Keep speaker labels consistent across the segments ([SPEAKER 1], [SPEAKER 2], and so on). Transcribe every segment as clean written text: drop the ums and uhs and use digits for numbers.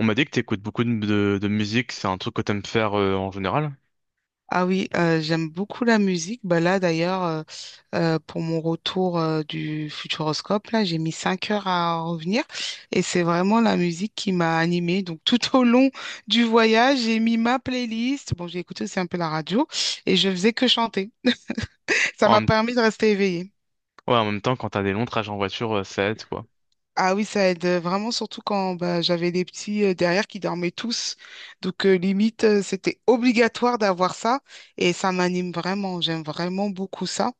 [SPEAKER 1] On m'a dit que t'écoutes beaucoup de musique, c'est un truc que t'aimes faire en général.
[SPEAKER 2] Ah oui, j'aime beaucoup la musique. Bah là, d'ailleurs, pour mon retour du Futuroscope, là, j'ai mis 5 heures à revenir et c'est vraiment la musique qui m'a animée. Donc, tout au long du voyage, j'ai mis ma playlist. Bon, j'ai écouté aussi un peu la radio et je faisais que chanter. Ça
[SPEAKER 1] En,
[SPEAKER 2] m'a
[SPEAKER 1] même-
[SPEAKER 2] permis de rester éveillée.
[SPEAKER 1] ouais, en même temps, quand t'as des longs trajets en voiture, ça aide, quoi.
[SPEAKER 2] Ah oui, ça aide vraiment, surtout quand bah, j'avais les petits derrière qui dormaient tous. Donc, limite, c'était obligatoire d'avoir ça et ça m'anime vraiment. J'aime vraiment beaucoup ça.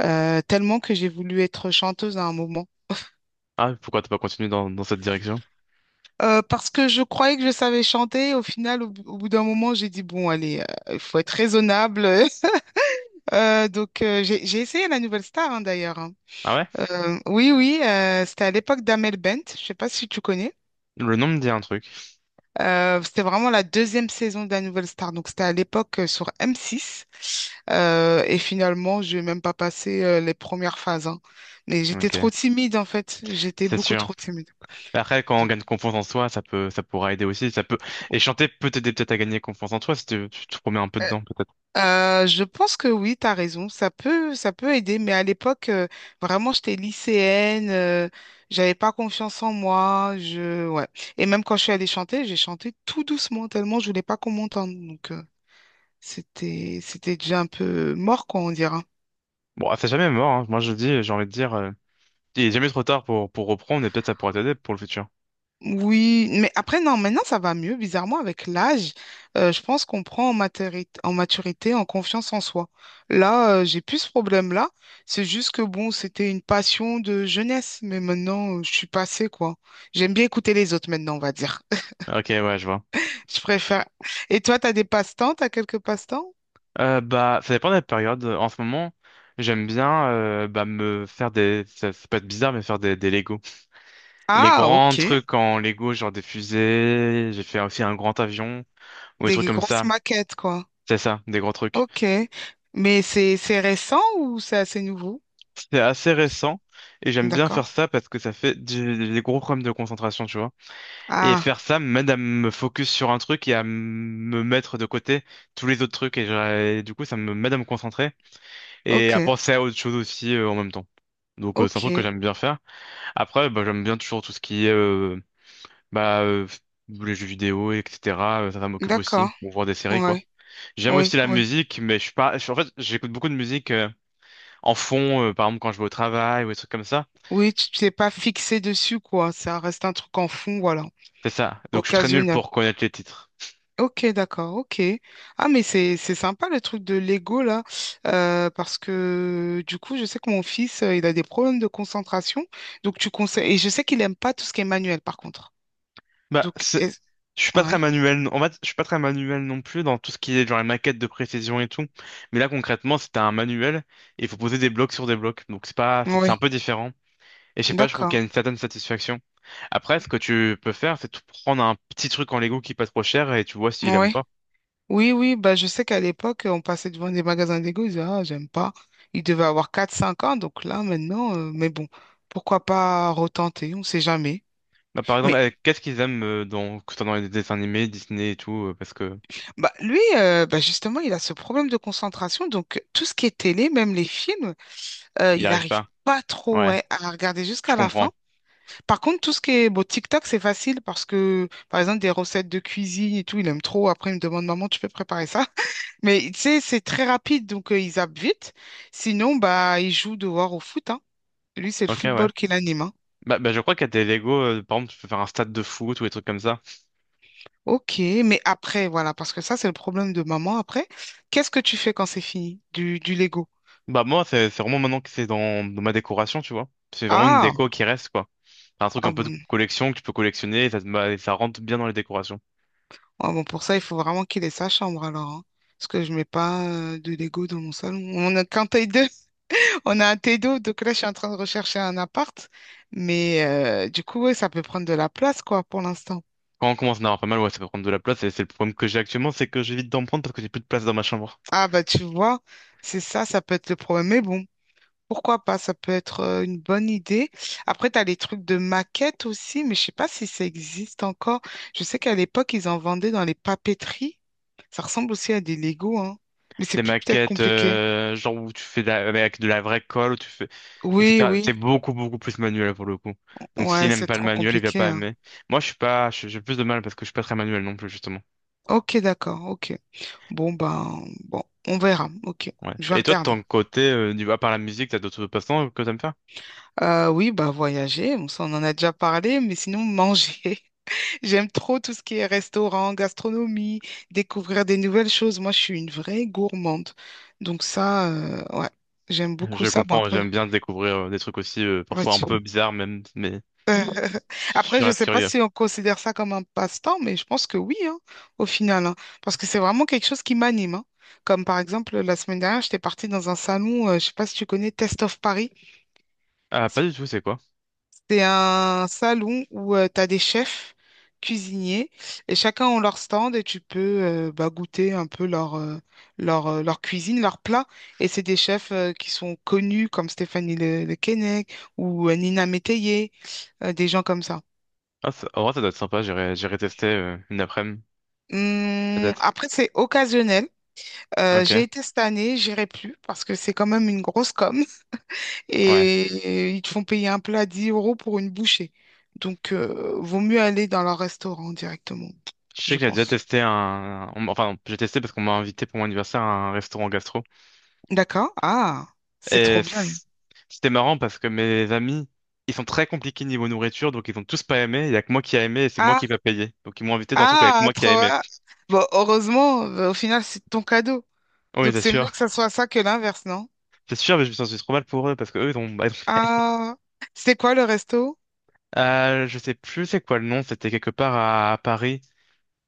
[SPEAKER 2] Tellement que j'ai voulu être chanteuse à un moment.
[SPEAKER 1] Ah, pourquoi t'as pas continué dans cette direction?
[SPEAKER 2] Parce que je croyais que je savais chanter. Au final, au bout d'un moment, j'ai dit, bon, allez, il faut être raisonnable. J'ai essayé la Nouvelle Star, hein, d'ailleurs, hein.
[SPEAKER 1] Ah ouais?
[SPEAKER 2] Oui, oui, c'était à l'époque d'Amel Bent. Je sais pas si tu connais.
[SPEAKER 1] Le nom me dit un truc.
[SPEAKER 2] C'était vraiment la deuxième saison de la Nouvelle Star. Donc, c'était à l'époque sur M6. Et finalement, je n'ai même pas passé les premières phases, hein. Mais j'étais trop
[SPEAKER 1] Ok,
[SPEAKER 2] timide, en fait. J'étais
[SPEAKER 1] c'est
[SPEAKER 2] beaucoup
[SPEAKER 1] sûr.
[SPEAKER 2] trop timide.
[SPEAKER 1] Après, quand on
[SPEAKER 2] Donc,
[SPEAKER 1] gagne confiance en soi, ça pourra aider aussi. Et chanter peut t'aider peut-être à gagner confiance en toi si tu te remets un peu dedans, peut-être.
[SPEAKER 2] Je pense que oui, tu as raison. Ça peut aider, mais à l'époque, vraiment, j'étais lycéenne, j'avais pas confiance en moi. Ouais. Et même quand je suis allée chanter, j'ai chanté tout doucement, tellement je voulais pas qu'on m'entende. Donc, c'était déjà un peu mort, quoi, on dirait, hein.
[SPEAKER 1] Bon, c'est jamais mort, hein. Moi, je dis, j'ai envie de dire, il est jamais trop tard pour reprendre et peut-être ça pourra t'aider pour le futur.
[SPEAKER 2] Oui, mais après, non, maintenant ça va mieux. Bizarrement, avec l'âge, je pense qu'on prend en maturité, en confiance en soi. Là, j'ai plus ce problème-là. C'est juste que bon, c'était une passion de jeunesse, mais maintenant, je suis passée, quoi. J'aime bien écouter les autres maintenant, on va dire.
[SPEAKER 1] Ok, ouais, je vois.
[SPEAKER 2] Je préfère. Et toi, t'as des passe-temps? T'as quelques passe-temps?
[SPEAKER 1] Bah, ça dépend de la période. En ce moment, j'aime bien bah, Ça, ça peut être bizarre, mais faire des Lego. Les
[SPEAKER 2] Ah,
[SPEAKER 1] grands
[SPEAKER 2] ok.
[SPEAKER 1] trucs en Lego, genre des fusées, j'ai fait aussi un grand avion, ou des
[SPEAKER 2] Des
[SPEAKER 1] trucs comme
[SPEAKER 2] grosses
[SPEAKER 1] ça.
[SPEAKER 2] maquettes, quoi.
[SPEAKER 1] C'est ça, des grands trucs.
[SPEAKER 2] Ok. Mais c'est récent ou c'est assez nouveau?
[SPEAKER 1] C'est assez récent, et j'aime bien
[SPEAKER 2] D'accord.
[SPEAKER 1] faire ça parce que ça fait des gros problèmes de concentration, tu vois. Et
[SPEAKER 2] Ah,
[SPEAKER 1] faire ça m'aide à me focus sur un truc et à me mettre de côté tous les autres trucs. Et du coup, ça me m'aide à me concentrer et à
[SPEAKER 2] ok,
[SPEAKER 1] penser à autre chose aussi en même temps. Donc, c'est un truc que
[SPEAKER 2] ok.
[SPEAKER 1] j'aime bien faire. Après, bah, j'aime bien toujours tout ce qui est bah, les jeux vidéo, etc. Ça, ça m'occupe
[SPEAKER 2] D'accord.
[SPEAKER 1] aussi, ou voir des séries, quoi.
[SPEAKER 2] Ouais.
[SPEAKER 1] J'aime aussi
[SPEAKER 2] Oui,
[SPEAKER 1] la
[SPEAKER 2] oui,
[SPEAKER 1] musique, mais je suis pas... en fait, j'écoute beaucoup de musique en fond, par exemple quand je vais au travail ou des trucs comme ça.
[SPEAKER 2] oui, tu t'es pas fixé dessus, quoi. Ça reste un truc en fond, voilà,
[SPEAKER 1] C'est ça. Donc, je suis très nul
[SPEAKER 2] occasionnel.
[SPEAKER 1] pour connaître les titres.
[SPEAKER 2] Ok, d'accord, ok. Ah, mais c'est sympa le truc de Lego, là, parce que du coup, je sais que mon fils, il a des problèmes de concentration, donc tu conseilles, et je sais qu'il aime pas tout ce qui est manuel, par contre.
[SPEAKER 1] Bah,
[SPEAKER 2] Donc,
[SPEAKER 1] c'est-
[SPEAKER 2] est-
[SPEAKER 1] je suis pas très
[SPEAKER 2] ouais,
[SPEAKER 1] manuel, en fait, je suis pas très manuel non plus dans tout ce qui est genre les maquettes de précision et tout. Mais là, concrètement, c'était un manuel et il faut poser des blocs sur des blocs. Donc c'est pas, c'est un
[SPEAKER 2] ouais,
[SPEAKER 1] peu différent. Et je sais pas, je trouve qu'il
[SPEAKER 2] d'accord,
[SPEAKER 1] y a une certaine satisfaction. Après, ce que tu peux faire, c'est tout prendre un petit truc en Lego qui est pas trop cher et tu vois s'il aime ou
[SPEAKER 2] ouais.
[SPEAKER 1] pas.
[SPEAKER 2] Oui, oui, bah, je sais qu'à l'époque, on passait devant des magasins d'ego, ils disaient, ah, j'aime pas. Il devait avoir 4, 5 ans, donc là, maintenant, mais bon, pourquoi pas retenter, on sait jamais.
[SPEAKER 1] Bah, par exemple,
[SPEAKER 2] Mais
[SPEAKER 1] qu'est-ce qu'ils aiment que ce soit dans les dessins animés, Disney et tout, parce que
[SPEAKER 2] bah, lui, bah, justement, il a ce problème de concentration, donc tout ce qui est télé, même les films,
[SPEAKER 1] il
[SPEAKER 2] il
[SPEAKER 1] arrive
[SPEAKER 2] arrive
[SPEAKER 1] pas.
[SPEAKER 2] pas trop
[SPEAKER 1] Ouais,
[SPEAKER 2] ouais, à regarder
[SPEAKER 1] je
[SPEAKER 2] jusqu'à la
[SPEAKER 1] comprends.
[SPEAKER 2] fin. Par contre, tout ce qui est bon, TikTok, c'est facile parce que, par exemple, des recettes de cuisine et tout, il aime trop. Après, il me demande, maman, tu peux préparer ça? Mais tu sais, c'est très rapide, donc ils zappent vite. Sinon, bah, ils jouent dehors au foot, hein. Lui, c'est le
[SPEAKER 1] Ok, ouais.
[SPEAKER 2] football qui l'anime, hein.
[SPEAKER 1] Bah, je crois qu'il y a des Lego, par exemple, tu peux faire un stade de foot ou des trucs comme ça.
[SPEAKER 2] Ok, mais après, voilà, parce que ça, c'est le problème de maman après. Qu'est-ce que tu fais quand c'est fini? Du Lego.
[SPEAKER 1] Bah moi c'est vraiment maintenant que c'est dans ma décoration, tu vois. C'est vraiment une
[SPEAKER 2] Ah,
[SPEAKER 1] déco qui reste, quoi. Enfin, un truc
[SPEAKER 2] ah
[SPEAKER 1] un peu de
[SPEAKER 2] bon.
[SPEAKER 1] collection que tu peux collectionner et ça, bah, et ça rentre bien dans les décorations.
[SPEAKER 2] Ah bon, pour ça, il faut vraiment qu'il ait sa chambre alors, hein. Parce que je mets pas de Lego dans mon salon. On a qu'un taille deux, on a un t deux, donc là, je suis en train de rechercher un appart. Mais du coup, ouais, ça peut prendre de la place, quoi, pour l'instant.
[SPEAKER 1] Quand on commence à en avoir pas mal, ouais, ça peut prendre de la place, et c'est le problème que j'ai actuellement, c'est que j'évite d'en prendre parce que j'ai plus de place dans ma chambre.
[SPEAKER 2] Ah bah tu vois, c'est ça, ça peut être le problème. Mais bon, pourquoi pas, ça peut être une bonne idée. Après, tu as les trucs de maquettes aussi, mais je sais pas si ça existe encore. Je sais qu'à l'époque, ils en vendaient dans les papeteries. Ça ressemble aussi à des Lego, hein. Mais c'est
[SPEAKER 1] Des
[SPEAKER 2] plus peut-être
[SPEAKER 1] maquettes,
[SPEAKER 2] compliqué.
[SPEAKER 1] genre où tu fais avec de la vraie colle, où tu fais,
[SPEAKER 2] Oui,
[SPEAKER 1] etc. C'est
[SPEAKER 2] oui,
[SPEAKER 1] beaucoup, beaucoup plus manuel pour le coup. Donc s'il
[SPEAKER 2] ouais,
[SPEAKER 1] n'aime
[SPEAKER 2] c'est
[SPEAKER 1] pas le
[SPEAKER 2] trop
[SPEAKER 1] manuel, il va
[SPEAKER 2] compliqué,
[SPEAKER 1] pas
[SPEAKER 2] hein.
[SPEAKER 1] aimer. Moi, je suis pas, je- j'ai plus de mal parce que je suis pas très manuel non plus, justement.
[SPEAKER 2] Ok, d'accord, ok. Bon, ben, bon, on verra, ok.
[SPEAKER 1] Ouais.
[SPEAKER 2] Je vais
[SPEAKER 1] Et toi, de
[SPEAKER 2] regarder.
[SPEAKER 1] ton côté, à part la musique, t'as d'autres passe-temps que t'aimes faire?
[SPEAKER 2] Oui, bah voyager, bon, ça on en a déjà parlé, mais sinon manger. J'aime trop tout ce qui est restaurant, gastronomie, découvrir des nouvelles choses. Moi, je suis une vraie gourmande. Donc ça, ouais, j'aime beaucoup
[SPEAKER 1] Je
[SPEAKER 2] ça. Bon,
[SPEAKER 1] comprends,
[SPEAKER 2] après,
[SPEAKER 1] j'aime bien découvrir des trucs aussi,
[SPEAKER 2] ouais,
[SPEAKER 1] parfois un peu bizarres même, mais
[SPEAKER 2] euh, après,
[SPEAKER 1] je
[SPEAKER 2] je ne
[SPEAKER 1] reste
[SPEAKER 2] sais pas
[SPEAKER 1] curieux.
[SPEAKER 2] si on considère ça comme un passe-temps, mais je pense que oui, hein, au final, hein. Parce que c'est vraiment quelque chose qui m'anime, hein. Comme par exemple, la semaine dernière, j'étais partie dans un salon, je ne sais pas si tu connais, Test of Paris.
[SPEAKER 1] Ah, pas du tout, c'est quoi?
[SPEAKER 2] C'est un salon où tu as des chefs cuisiniers et chacun ont leur stand et tu peux bah, goûter un peu leur cuisine, leur plat. Et c'est des chefs qui sont connus comme Stéphanie Le Keinec ou Nina Métayer, des gens comme ça.
[SPEAKER 1] Ah, en vrai, ça doit être sympa, j'irai tester une après-midi, peut-être.
[SPEAKER 2] Après, c'est occasionnel.
[SPEAKER 1] Ok,
[SPEAKER 2] J'ai été cette année, j'irai plus parce que c'est quand même une grosse com.
[SPEAKER 1] ouais.
[SPEAKER 2] Et ils te font payer un plat 10 euros pour une bouchée. Donc, vaut mieux aller dans leur restaurant directement,
[SPEAKER 1] Je sais
[SPEAKER 2] je
[SPEAKER 1] que j'ai déjà
[SPEAKER 2] pense.
[SPEAKER 1] testé enfin, non, j'ai testé parce qu'on m'a invité pour mon anniversaire à un restaurant gastro.
[SPEAKER 2] D'accord? Ah, c'est trop
[SPEAKER 1] Et
[SPEAKER 2] bien.
[SPEAKER 1] c'était marrant parce que mes amis, ils sont très compliqués niveau nourriture, donc ils ont tous pas aimé. Il y a que moi qui a aimé et c'est moi
[SPEAKER 2] Ah,
[SPEAKER 1] qui va payer. Donc ils m'ont invité dans un truc où il y a que
[SPEAKER 2] ah,
[SPEAKER 1] moi qui a
[SPEAKER 2] trop
[SPEAKER 1] aimé.
[SPEAKER 2] bien. Bon, heureusement, bah, au final, c'est ton cadeau.
[SPEAKER 1] Oui,
[SPEAKER 2] Donc,
[SPEAKER 1] c'est
[SPEAKER 2] c'est
[SPEAKER 1] sûr.
[SPEAKER 2] mieux que ça soit ça que l'inverse, non?
[SPEAKER 1] C'est sûr, mais je me sens trop mal pour eux parce que eux, ils ont... bah, ils ont-
[SPEAKER 2] Ah, c'était quoi le resto?
[SPEAKER 1] Je sais plus c'est quoi le nom, c'était quelque part à Paris.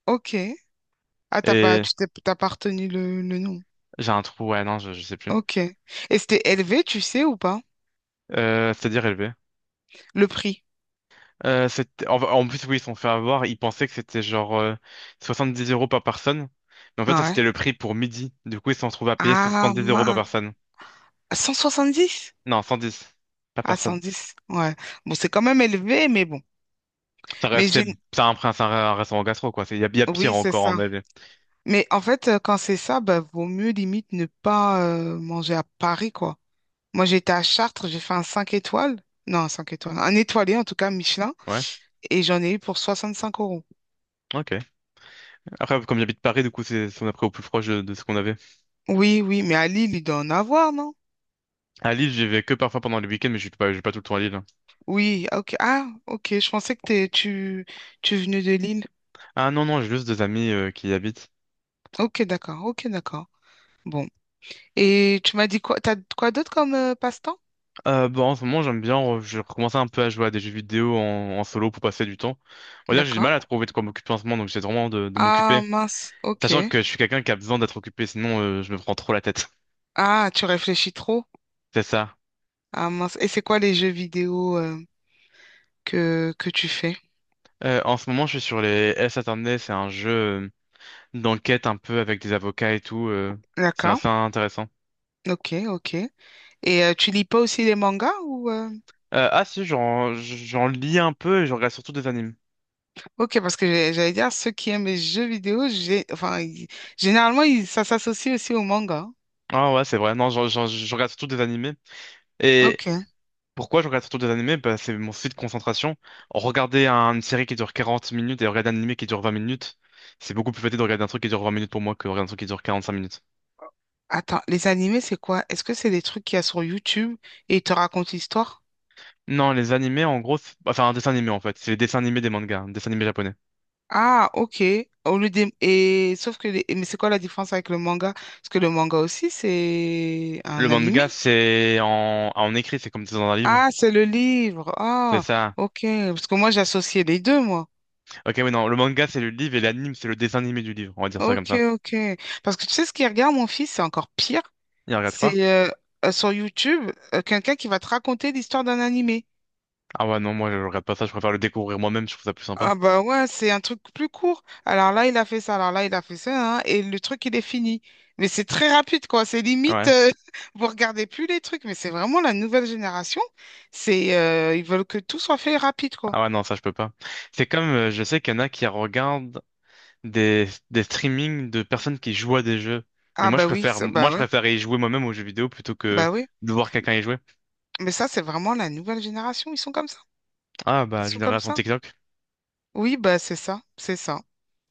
[SPEAKER 2] Ok. Ah,
[SPEAKER 1] Et
[SPEAKER 2] t'as pas retenu le nom.
[SPEAKER 1] j'ai un trou, ouais, non, je sais plus.
[SPEAKER 2] Ok. Et c'était élevé, tu sais, ou pas?
[SPEAKER 1] C'est-à-dire élevé.
[SPEAKER 2] Le prix.
[SPEAKER 1] En plus, oui, ils se sont fait avoir. Ils pensaient que c'était genre 70 € par personne. Mais en fait, ça,
[SPEAKER 2] Ah ouais.
[SPEAKER 1] c'était le prix pour midi. Du coup, ils se sont retrouvés à payer
[SPEAKER 2] Ah,
[SPEAKER 1] 70 € par
[SPEAKER 2] mince.
[SPEAKER 1] personne.
[SPEAKER 2] Dix
[SPEAKER 1] Non, 110. Par
[SPEAKER 2] Ah,
[SPEAKER 1] personne.
[SPEAKER 2] 110, ouais. Bon, c'est quand même élevé, mais bon.
[SPEAKER 1] Ça
[SPEAKER 2] Mais
[SPEAKER 1] restait...
[SPEAKER 2] j'ai.
[SPEAKER 1] C'est un restaurant gastro, quoi. Il y a, pire
[SPEAKER 2] Oui, c'est
[SPEAKER 1] encore
[SPEAKER 2] ça.
[SPEAKER 1] en avait.
[SPEAKER 2] Mais en fait, quand c'est ça, bah, vaut mieux limite ne pas manger à Paris, quoi. Moi, j'étais à Chartres, j'ai fait un 5 étoiles. Non, un 5 étoiles. Un étoilé, en tout cas, Michelin.
[SPEAKER 1] Ouais,
[SPEAKER 2] Et j'en ai eu pour 65 euros.
[SPEAKER 1] ok. Après, comme j'habite Paris, du coup, on a pris au plus proche de ce qu'on avait.
[SPEAKER 2] Oui, oui, mais à Lille, il doit en avoir, non?
[SPEAKER 1] À Lille, j'y vais que parfois pendant les week-ends, mais je suis pas tout le temps à Lille, hein.
[SPEAKER 2] Oui, ah, ok. Ah, ok, je pensais que tu venais de Lille.
[SPEAKER 1] Ah non, non, j'ai juste des amis qui y habitent.
[SPEAKER 2] Ok, d'accord, ok, d'accord. Bon. Et tu m'as dit quoi? T'as quoi d'autre comme passe-temps?
[SPEAKER 1] Bah, en ce moment, j'aime bien, je recommençais un peu à jouer à des jeux vidéo en solo pour passer du temps. On va dire, j'ai du mal
[SPEAKER 2] D'accord.
[SPEAKER 1] à trouver de quoi m'occuper en ce moment, donc j'essaie vraiment de
[SPEAKER 2] Ah
[SPEAKER 1] m'occuper.
[SPEAKER 2] mince, ok.
[SPEAKER 1] Sachant que je suis quelqu'un qui a besoin d'être occupé, sinon je me prends trop la tête.
[SPEAKER 2] Ah, tu réfléchis trop?
[SPEAKER 1] C'est ça.
[SPEAKER 2] Ah mince. Et c'est quoi les jeux vidéo que tu fais?
[SPEAKER 1] En ce moment, je suis sur les S. Attorney, c'est un jeu d'enquête un peu avec des avocats et tout, c'est
[SPEAKER 2] D'accord.
[SPEAKER 1] assez intéressant.
[SPEAKER 2] Ok, ok. Et tu lis pas aussi les mangas ou
[SPEAKER 1] Ah si, j'en lis un peu et je regarde surtout des animes.
[SPEAKER 2] ok, parce que j'allais dire ceux qui aiment les jeux vidéo, j'ai enfin généralement ça s'associe aussi aux mangas.
[SPEAKER 1] Ah ouais, c'est vrai. Non, je regarde surtout des animés. Et
[SPEAKER 2] Ok.
[SPEAKER 1] pourquoi je regarde surtout des animés? Bah, c'est mon site de concentration. Regarder une série qui dure 40 minutes et regarder un animé qui dure 20 minutes, c'est beaucoup plus facile de regarder un truc qui dure 20 minutes pour moi que regarder un truc qui dure 45 minutes.
[SPEAKER 2] Attends, les animés c'est quoi? Est-ce que c'est des trucs qu'il y a sur YouTube et ils te racontent l'histoire?
[SPEAKER 1] Non, les animés, en gros, enfin un dessin animé en fait, c'est les dessins animés des mangas, un dessin animé japonais.
[SPEAKER 2] Ah, ok. Au lieu des. Et sauf que les. Mais c'est quoi la différence avec le manga? Parce que le manga aussi c'est
[SPEAKER 1] Le
[SPEAKER 2] un animé.
[SPEAKER 1] manga, c'est en écrit, c'est comme c'est dans un livre.
[SPEAKER 2] Ah, c'est le livre.
[SPEAKER 1] C'est
[SPEAKER 2] Ah,
[SPEAKER 1] ça.
[SPEAKER 2] ok. Parce que moi, j'associais les deux, moi.
[SPEAKER 1] Ok, oui, non, le manga, c'est le livre et l'anime, c'est le dessin animé du livre, on va dire ça comme
[SPEAKER 2] Ok,
[SPEAKER 1] ça.
[SPEAKER 2] ok. Parce que tu sais, ce qu'il regarde, mon fils, c'est encore pire.
[SPEAKER 1] Il regarde quoi?
[SPEAKER 2] C'est sur YouTube, quelqu'un qui va te raconter l'histoire d'un animé.
[SPEAKER 1] Ah ouais, non, moi je regarde pas ça, je préfère le découvrir moi-même, je trouve ça plus sympa.
[SPEAKER 2] Ah bah ouais, c'est un truc plus court. Alors là, il a fait ça, alors là, il a fait ça, hein, et le truc, il est fini. Mais c'est très rapide, quoi. C'est limite,
[SPEAKER 1] Ouais.
[SPEAKER 2] vous regardez plus les trucs, mais c'est vraiment la nouvelle génération. Ils veulent que tout soit fait rapide, quoi.
[SPEAKER 1] Ah ouais, non, ça je peux pas. C'est comme, je sais qu'il y en a qui regardent des streamings de personnes qui jouent à des jeux. Mais
[SPEAKER 2] Ah
[SPEAKER 1] moi,
[SPEAKER 2] bah oui,
[SPEAKER 1] moi,
[SPEAKER 2] bah
[SPEAKER 1] je
[SPEAKER 2] ouais,
[SPEAKER 1] préfère y jouer moi-même aux jeux vidéo plutôt que
[SPEAKER 2] bah oui.
[SPEAKER 1] de voir quelqu'un y jouer.
[SPEAKER 2] Mais ça, c'est vraiment la nouvelle génération. Ils sont comme ça.
[SPEAKER 1] Ah,
[SPEAKER 2] Ils
[SPEAKER 1] bah,
[SPEAKER 2] sont comme
[SPEAKER 1] génération
[SPEAKER 2] ça.
[SPEAKER 1] TikTok.
[SPEAKER 2] Oui, bah c'est ça. C'est ça.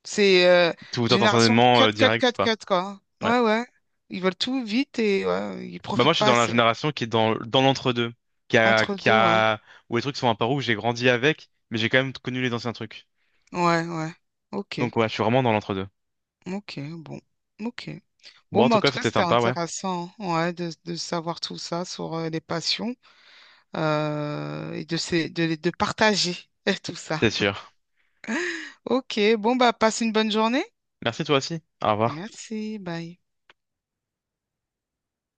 [SPEAKER 2] C'est
[SPEAKER 1] Tout
[SPEAKER 2] Génération
[SPEAKER 1] instantanément,
[SPEAKER 2] cut, cut,
[SPEAKER 1] direct,
[SPEAKER 2] cut,
[SPEAKER 1] quoi.
[SPEAKER 2] cut, quoi.
[SPEAKER 1] Ouais.
[SPEAKER 2] Ouais, ouais. Ils veulent tout vite et ouais, ils
[SPEAKER 1] Bah, moi,
[SPEAKER 2] profitent
[SPEAKER 1] je suis
[SPEAKER 2] pas
[SPEAKER 1] dans la
[SPEAKER 2] assez.
[SPEAKER 1] génération qui est dans l'entre-deux. Qui a,
[SPEAKER 2] Entre
[SPEAKER 1] qui
[SPEAKER 2] deux, ouais.
[SPEAKER 1] a, Où les trucs sont un peu où j'ai grandi avec, mais j'ai quand même connu les anciens trucs.
[SPEAKER 2] Ouais, ouais. Ok.
[SPEAKER 1] Donc, ouais, je suis vraiment dans l'entre-deux.
[SPEAKER 2] Ok. Bon. Ok.
[SPEAKER 1] Bon,
[SPEAKER 2] Bon,
[SPEAKER 1] en
[SPEAKER 2] bah,
[SPEAKER 1] tout
[SPEAKER 2] en
[SPEAKER 1] cas,
[SPEAKER 2] tout cas,
[SPEAKER 1] c'était
[SPEAKER 2] c'était
[SPEAKER 1] sympa, ouais.
[SPEAKER 2] intéressant ouais, de savoir tout ça sur les passions et de, ces- de, les- de partager tout ça.
[SPEAKER 1] C'est sûr.
[SPEAKER 2] Ok. Bon, bah, passe une bonne journée.
[SPEAKER 1] Merci toi aussi. Au revoir.
[SPEAKER 2] Merci. Bye.